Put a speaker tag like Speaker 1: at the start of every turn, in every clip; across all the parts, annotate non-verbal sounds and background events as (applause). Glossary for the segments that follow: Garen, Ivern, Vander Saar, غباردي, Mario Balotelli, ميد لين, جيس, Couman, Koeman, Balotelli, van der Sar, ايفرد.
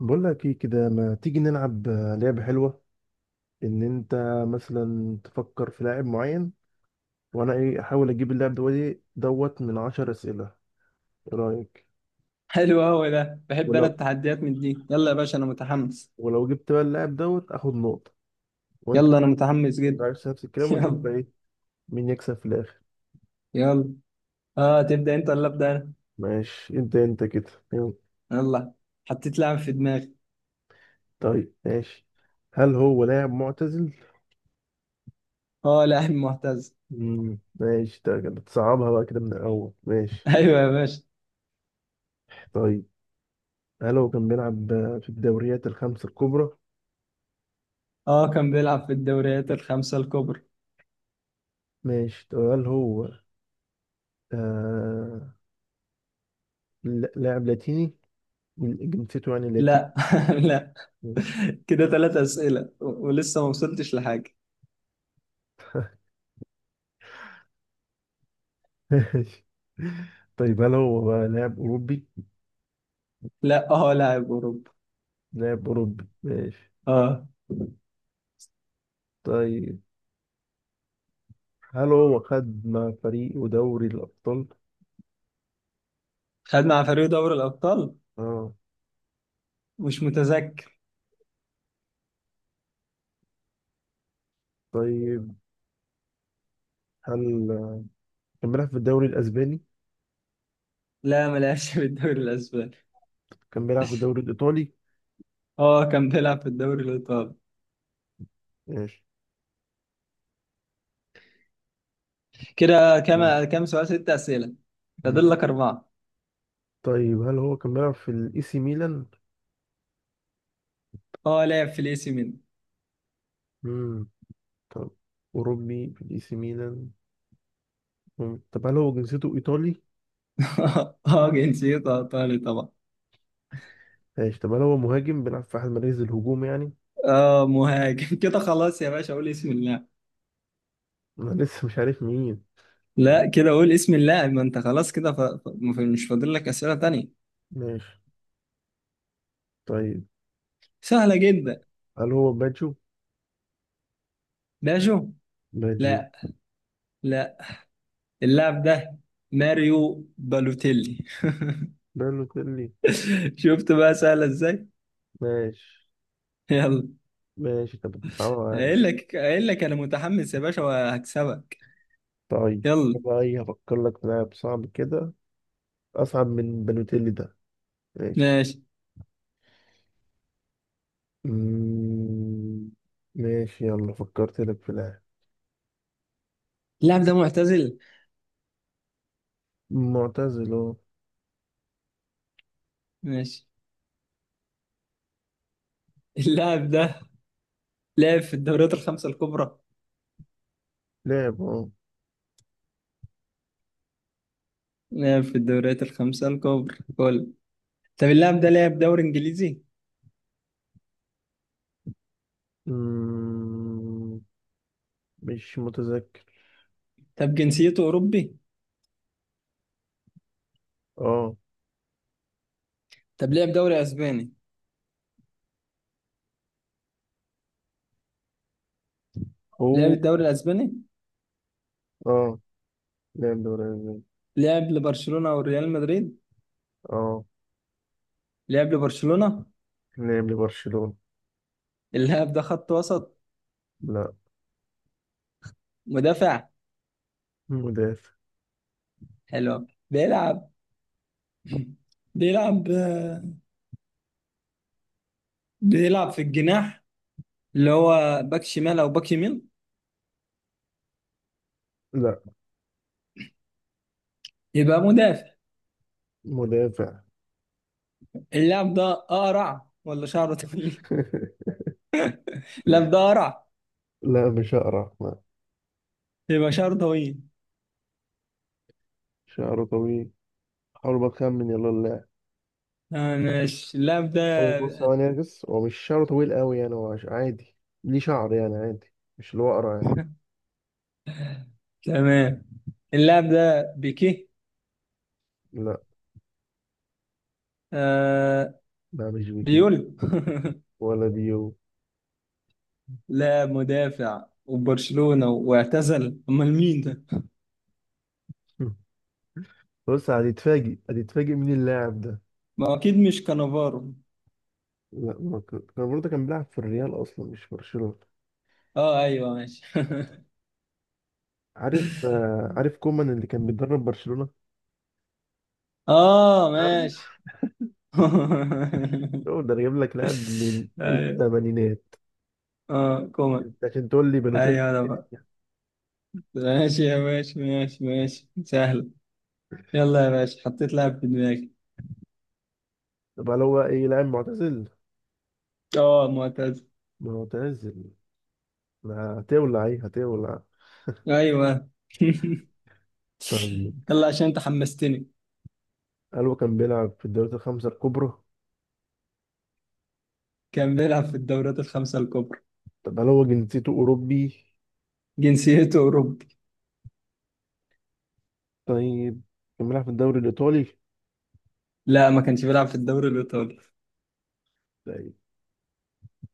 Speaker 1: بقول لك ايه كده ما تيجي نلعب لعبة حلوة. انت مثلا تفكر في لاعب معين، وانا ايه احاول اجيب اللاعب دوت دوت من 10 اسئلة. ايه رأيك؟
Speaker 2: حلو قوي ده، بحب انا
Speaker 1: ولو
Speaker 2: التحديات من دي. يلا يا باشا، انا متحمس.
Speaker 1: ولو جبت بقى اللاعب دوت اخد نقطة. وانت
Speaker 2: يلا انا متحمس
Speaker 1: انت
Speaker 2: جدا.
Speaker 1: عايز نفس
Speaker 2: (laughs)
Speaker 1: الكلام ونشوف
Speaker 2: يلا.
Speaker 1: بقى ايه مين يكسب في الاخر.
Speaker 2: يلا، اه تبدا انت ولا ابدا انا؟
Speaker 1: ماشي، انت كده يلا.
Speaker 2: يلا، حطيت لاعب في دماغي.
Speaker 1: طيب ماشي، هل هو لاعب معتزل؟
Speaker 2: اه لاعب معتز.
Speaker 1: مم. ماشي، ده كده بتصعبها بقى كده من الاول.
Speaker 2: (laughs)
Speaker 1: ماشي،
Speaker 2: ايوه يا باشا.
Speaker 1: طيب هل هو كان بيلعب في الدوريات الخمس الكبرى؟
Speaker 2: اه كان بيلعب في الدوريات الخمسه الكبرى.
Speaker 1: ماشي، طب هل هو آه... لاعب لاتيني؟ من جنسيته يعني لاتيني.
Speaker 2: لا. (laughs) لا.
Speaker 1: ماشي.
Speaker 2: كده ثلاث اسئله ولسه ما وصلتش لحاجه.
Speaker 1: (laughs) ماشي، طيب هل هو بقى لاعب أوروبي؟
Speaker 2: لا، اه لاعب اوروبا.
Speaker 1: لاعب أوروبي، ماشي.
Speaker 2: اه
Speaker 1: طيب هل هو خد مع فريقه دوري الأبطال؟
Speaker 2: خد مع فريق دوري الابطال.
Speaker 1: اه،
Speaker 2: مش متذكر.
Speaker 1: طيب هل كان بيلعب في الدوري الأسباني؟
Speaker 2: لا ما لعبش في الدوري الاسباني.
Speaker 1: كان بيلعب في الدوري الإيطالي؟
Speaker 2: اه كان بيلعب في الدوري الايطالي.
Speaker 1: ماشي.
Speaker 2: كده
Speaker 1: مم.
Speaker 2: كم سؤال؟ ست أسئلة. فاضل لك أربعة.
Speaker 1: طيب هل هو كان بيلعب في الإي سي ميلان؟
Speaker 2: اه لاعب في الإي سي ميلان.
Speaker 1: مم. طب أوروبي في الإي سي ميلان. مم. طب هل هو جنسيته إيطالي؟
Speaker 2: (laughs) اه جنسيته إيطالي طبعا.
Speaker 1: ماشي، طب هل هو مهاجم بيلعب في أحد مراكز الهجوم يعني؟
Speaker 2: اه مهاجم. (laughs) كده خلاص يا باشا، قول اسم اللاعب.
Speaker 1: أنا (laughs) لسه مش عارف مين. آه،
Speaker 2: لا كده قول اسم اللاعب، ما أنت خلاص كده مش فاضل لك أسئلة تانية.
Speaker 1: ماشي، طيب
Speaker 2: سهلة جدا.
Speaker 1: هل هو باتجو؟
Speaker 2: باجو.
Speaker 1: باتجو.
Speaker 2: لا. لا. اللاعب ده ماريو بالوتيلي.
Speaker 1: بالوتيلي.
Speaker 2: (laughs) شفت بقى سهلة إزاي.
Speaker 1: ماشي.
Speaker 2: يلا.
Speaker 1: ماشي، طب صعبة يعني.
Speaker 2: قايل لك أنا متحمس يا باشا وهكسبك.
Speaker 1: طيب أنا
Speaker 2: يلا.
Speaker 1: بقى إيه، هفكر لك في لاعب صعب كده، أصعب من بالوتيلي ده. ماشي.
Speaker 2: ماشي،
Speaker 1: مم، ماشي، يلا فكرت لك في لاعب.
Speaker 2: اللاعب ده معتزل.
Speaker 1: معتزل، أه.
Speaker 2: ماشي. اللاعب ده لعب في الدوريات الخمسة الكبرى.
Speaker 1: لاعب، أه.
Speaker 2: لعب في الدوريات الخمسة الكبرى كل طب اللاعب ده لعب دوري انجليزي؟
Speaker 1: مم، مش متذكر.
Speaker 2: طب جنسيته اوروبي؟
Speaker 1: أه.
Speaker 2: طب لعب دوري اسباني؟ لعب
Speaker 1: هو،
Speaker 2: الدوري الاسباني.
Speaker 1: أه. لاعب دوري أسباني.
Speaker 2: لعب لبرشلونة او ريال مدريد؟
Speaker 1: اه،
Speaker 2: لعب لبرشلونة.
Speaker 1: لعب لبرشلونة.
Speaker 2: اللاعب ده خط وسط؟
Speaker 1: لا.
Speaker 2: مدافع؟
Speaker 1: مدافع.
Speaker 2: حلو أوي. بيلعب. (laughs) بيلعب. بيلعب في الجناح، اللي هو باك شمال او باك يمين؟
Speaker 1: لا،
Speaker 2: يبقى مدافع.
Speaker 1: مدافع.
Speaker 2: اللاعب ده اقرع ولا شعره طويل؟
Speaker 1: (laughs)
Speaker 2: (laughs) اللاعب ده اقرع؟
Speaker 1: لا مش أقرع، لا.
Speaker 2: يبقى شعره طويل.
Speaker 1: شعره طويل. حاول بقى أخمن يلا اللاعب.
Speaker 2: آه ماشي، اللاعب
Speaker 1: هو بص،
Speaker 2: ده.
Speaker 1: هو نرجس، هو مش شعره طويل قوي يعني، هو عادي، ليه شعر يعني عادي، مش اللي هو أقرع يعني.
Speaker 2: تمام. اللاعب ده بيكيه.
Speaker 1: لا.
Speaker 2: آه.
Speaker 1: لا مش بيكيب.
Speaker 2: بيول.
Speaker 1: ولا ديو.
Speaker 2: (laughs) لاعب مدافع وبرشلونة واعتزل، امال مين ده؟
Speaker 1: (laughs) بص، هتتفاجئ، هتتفاجئ مين اللاعب ده.
Speaker 2: ما هو اكيد مش كانافارو.
Speaker 1: لا، ما كان كان برضه كان بيلعب في الريال أصلا، مش في برشلونة.
Speaker 2: اه ايوه ماشي. (laughs)
Speaker 1: عارف عارف كومان اللي كان بيدرب برشلونة؟
Speaker 2: اه
Speaker 1: عارف؟
Speaker 2: ماشي. (laughs)
Speaker 1: هو ده، أنا جايب لك لاعب من
Speaker 2: ايوه.
Speaker 1: الثمانينات،
Speaker 2: اه كومان.
Speaker 1: لكن تقول لي بنوتين.
Speaker 2: ايوه ده بقى. ماشي يا باشا، ماشي ماشي سهل. يلا يا باشا، حطيت لاعب في دماغي.
Speaker 1: طب هل هو ايه، لاعب معتزل؟
Speaker 2: اه معتز.
Speaker 1: معتزل. ما هتولع ايه، هتولع.
Speaker 2: ايوه. (laughs)
Speaker 1: طيب
Speaker 2: يلا، عشان انت حمستني.
Speaker 1: هل هو كان بيلعب في الدوريات الخمسة الكبرى؟
Speaker 2: كان بيلعب في الدورات الخمسة الكبرى.
Speaker 1: طب هل هو جنسيته أوروبي؟
Speaker 2: جنسيته أوروبي.
Speaker 1: طيب، كان بيلعب في الدوري الإيطالي؟
Speaker 2: لا ما كانش بيلعب في الدوري الإيطالي.
Speaker 1: طيب،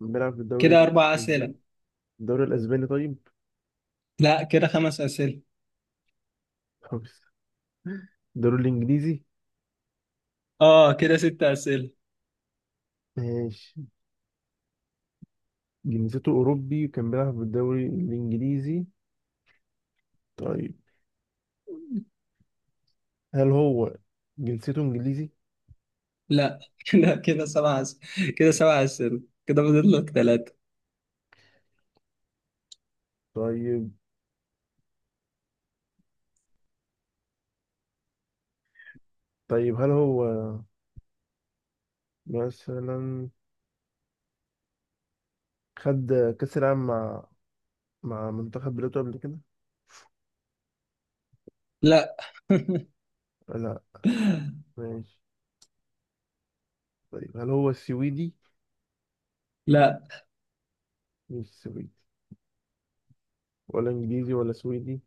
Speaker 1: كان بيلعب في الدوري
Speaker 2: كده أربع
Speaker 1: الأسباني؟
Speaker 2: أسئلة.
Speaker 1: الدوري الأسباني، طيب.
Speaker 2: لا كده خمس أسئلة.
Speaker 1: خلاص. الدوري الإنجليزي.
Speaker 2: آه كده ست أسئلة.
Speaker 1: ماشي، جنسيته أوروبي وكان بيلعب في الدوري الإنجليزي. طيب، هل هو جنسيته إنجليزي؟
Speaker 2: لا. (laughs) كده سبع أسئلة. كده سبع أسئلة. كده فاضل لك ثلاثة.
Speaker 1: طيب، طيب هل هو مثلا خد كأس العالم مع مع منتخب بلاده قبل كده؟
Speaker 2: لا. (laughs)
Speaker 1: لا. ماشي، طيب هل هو سويدي؟
Speaker 2: لا.
Speaker 1: مش سويدي، ولا إنجليزي ولا سويدي؟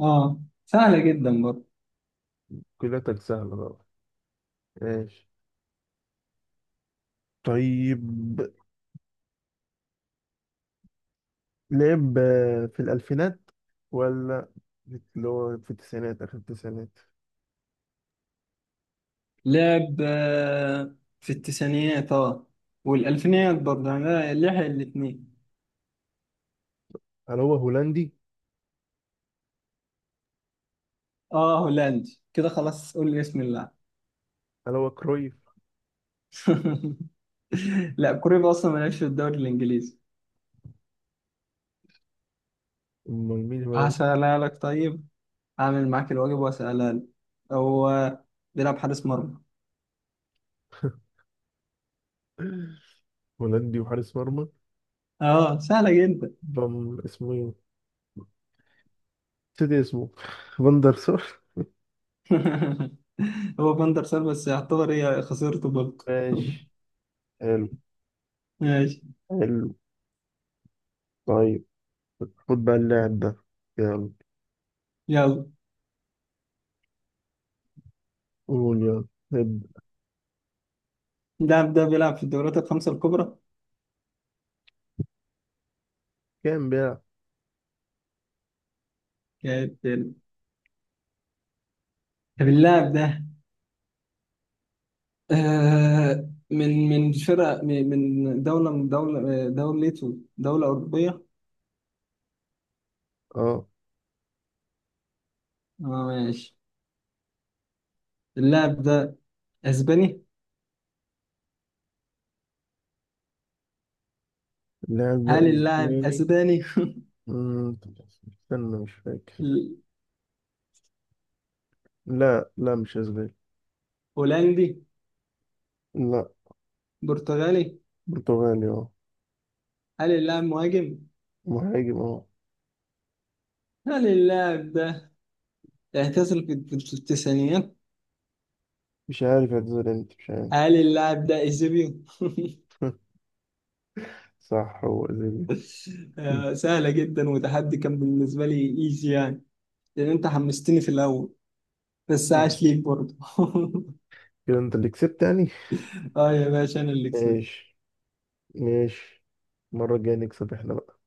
Speaker 2: آه سهلة جدا برضه.
Speaker 1: كلها سهلة بقى. ماشي، طيب لعب في الألفينات، ولا اللي هو في التسعينات، آخر التسعينات؟
Speaker 2: لعب في التسعينيات، آه والألفينيات برضه، يعني لحق الاتنين.
Speaker 1: هل هو هولندي؟
Speaker 2: آه هولندي، كده خلاص قول لي اسم اللاعب.
Speaker 1: هل هو كرويف؟
Speaker 2: (laughs) لا كوريا اصلا مالهاش في الدوري الانجليزي.
Speaker 1: أمال مين هولندي؟
Speaker 2: هسألها لك طيب. هعمل معاك الواجب وهسألها لك. هو بيلعب حارس مرمى.
Speaker 1: (laughs) هولندي وحارس مرمى.
Speaker 2: اه سهلة جدا.
Speaker 1: بام اسمه ايه؟ نسيت اسمه. (laughs) فاندر سور.
Speaker 2: (laughs) هو فاندر سار، بس يعتبر هي خسرته برضه. (laughs)
Speaker 1: ماشي. حلو.
Speaker 2: ماشي.
Speaker 1: حلو. طيب خد بقى اللاعب ده. يلا،
Speaker 2: يلا.
Speaker 1: قول يلا، ابدأ.
Speaker 2: اللاعب ده بيلعب في الدوريات الخمسة الكبرى.
Speaker 1: كام بيلعب؟
Speaker 2: كانت. طب اللاعب ده آه من فرقة من دولة، من دولة دولته دولة أوروبية.
Speaker 1: اه،
Speaker 2: اه ماشي. اللاعب ده أسباني.
Speaker 1: اللاعب ده
Speaker 2: هل اللاعب
Speaker 1: اسباني.
Speaker 2: اسباني؟
Speaker 1: مم، استنى، مش فاكر.
Speaker 2: (laughs)
Speaker 1: لا، لا مش اسباني.
Speaker 2: هولندي؟
Speaker 1: لا.
Speaker 2: برتغالي؟
Speaker 1: برتغالي، اه.
Speaker 2: هل اللاعب مهاجم؟
Speaker 1: مهاجم، اه.
Speaker 2: هل اللاعب ده اعتزل في التسعينيات؟
Speaker 1: مش عارف اعتذر امتى، مش عارف.
Speaker 2: هل اللاعب ده ايجيبيو؟
Speaker 1: (laughs) صح، هو ازيلي.
Speaker 2: (laughs)
Speaker 1: مم.
Speaker 2: آه، سهلة جدا وتحدي كان بالنسبة لي. ايجي يعني. لان انت حمستني في الاول. بس
Speaker 1: مم.
Speaker 2: عاش ليك برضه. (laughs)
Speaker 1: كده انت اللي كسبت يعني.
Speaker 2: اه يا باشا انا اللي كسبت.
Speaker 1: ماشي. ماشي. المرة الجاية نكسب احنا بقى.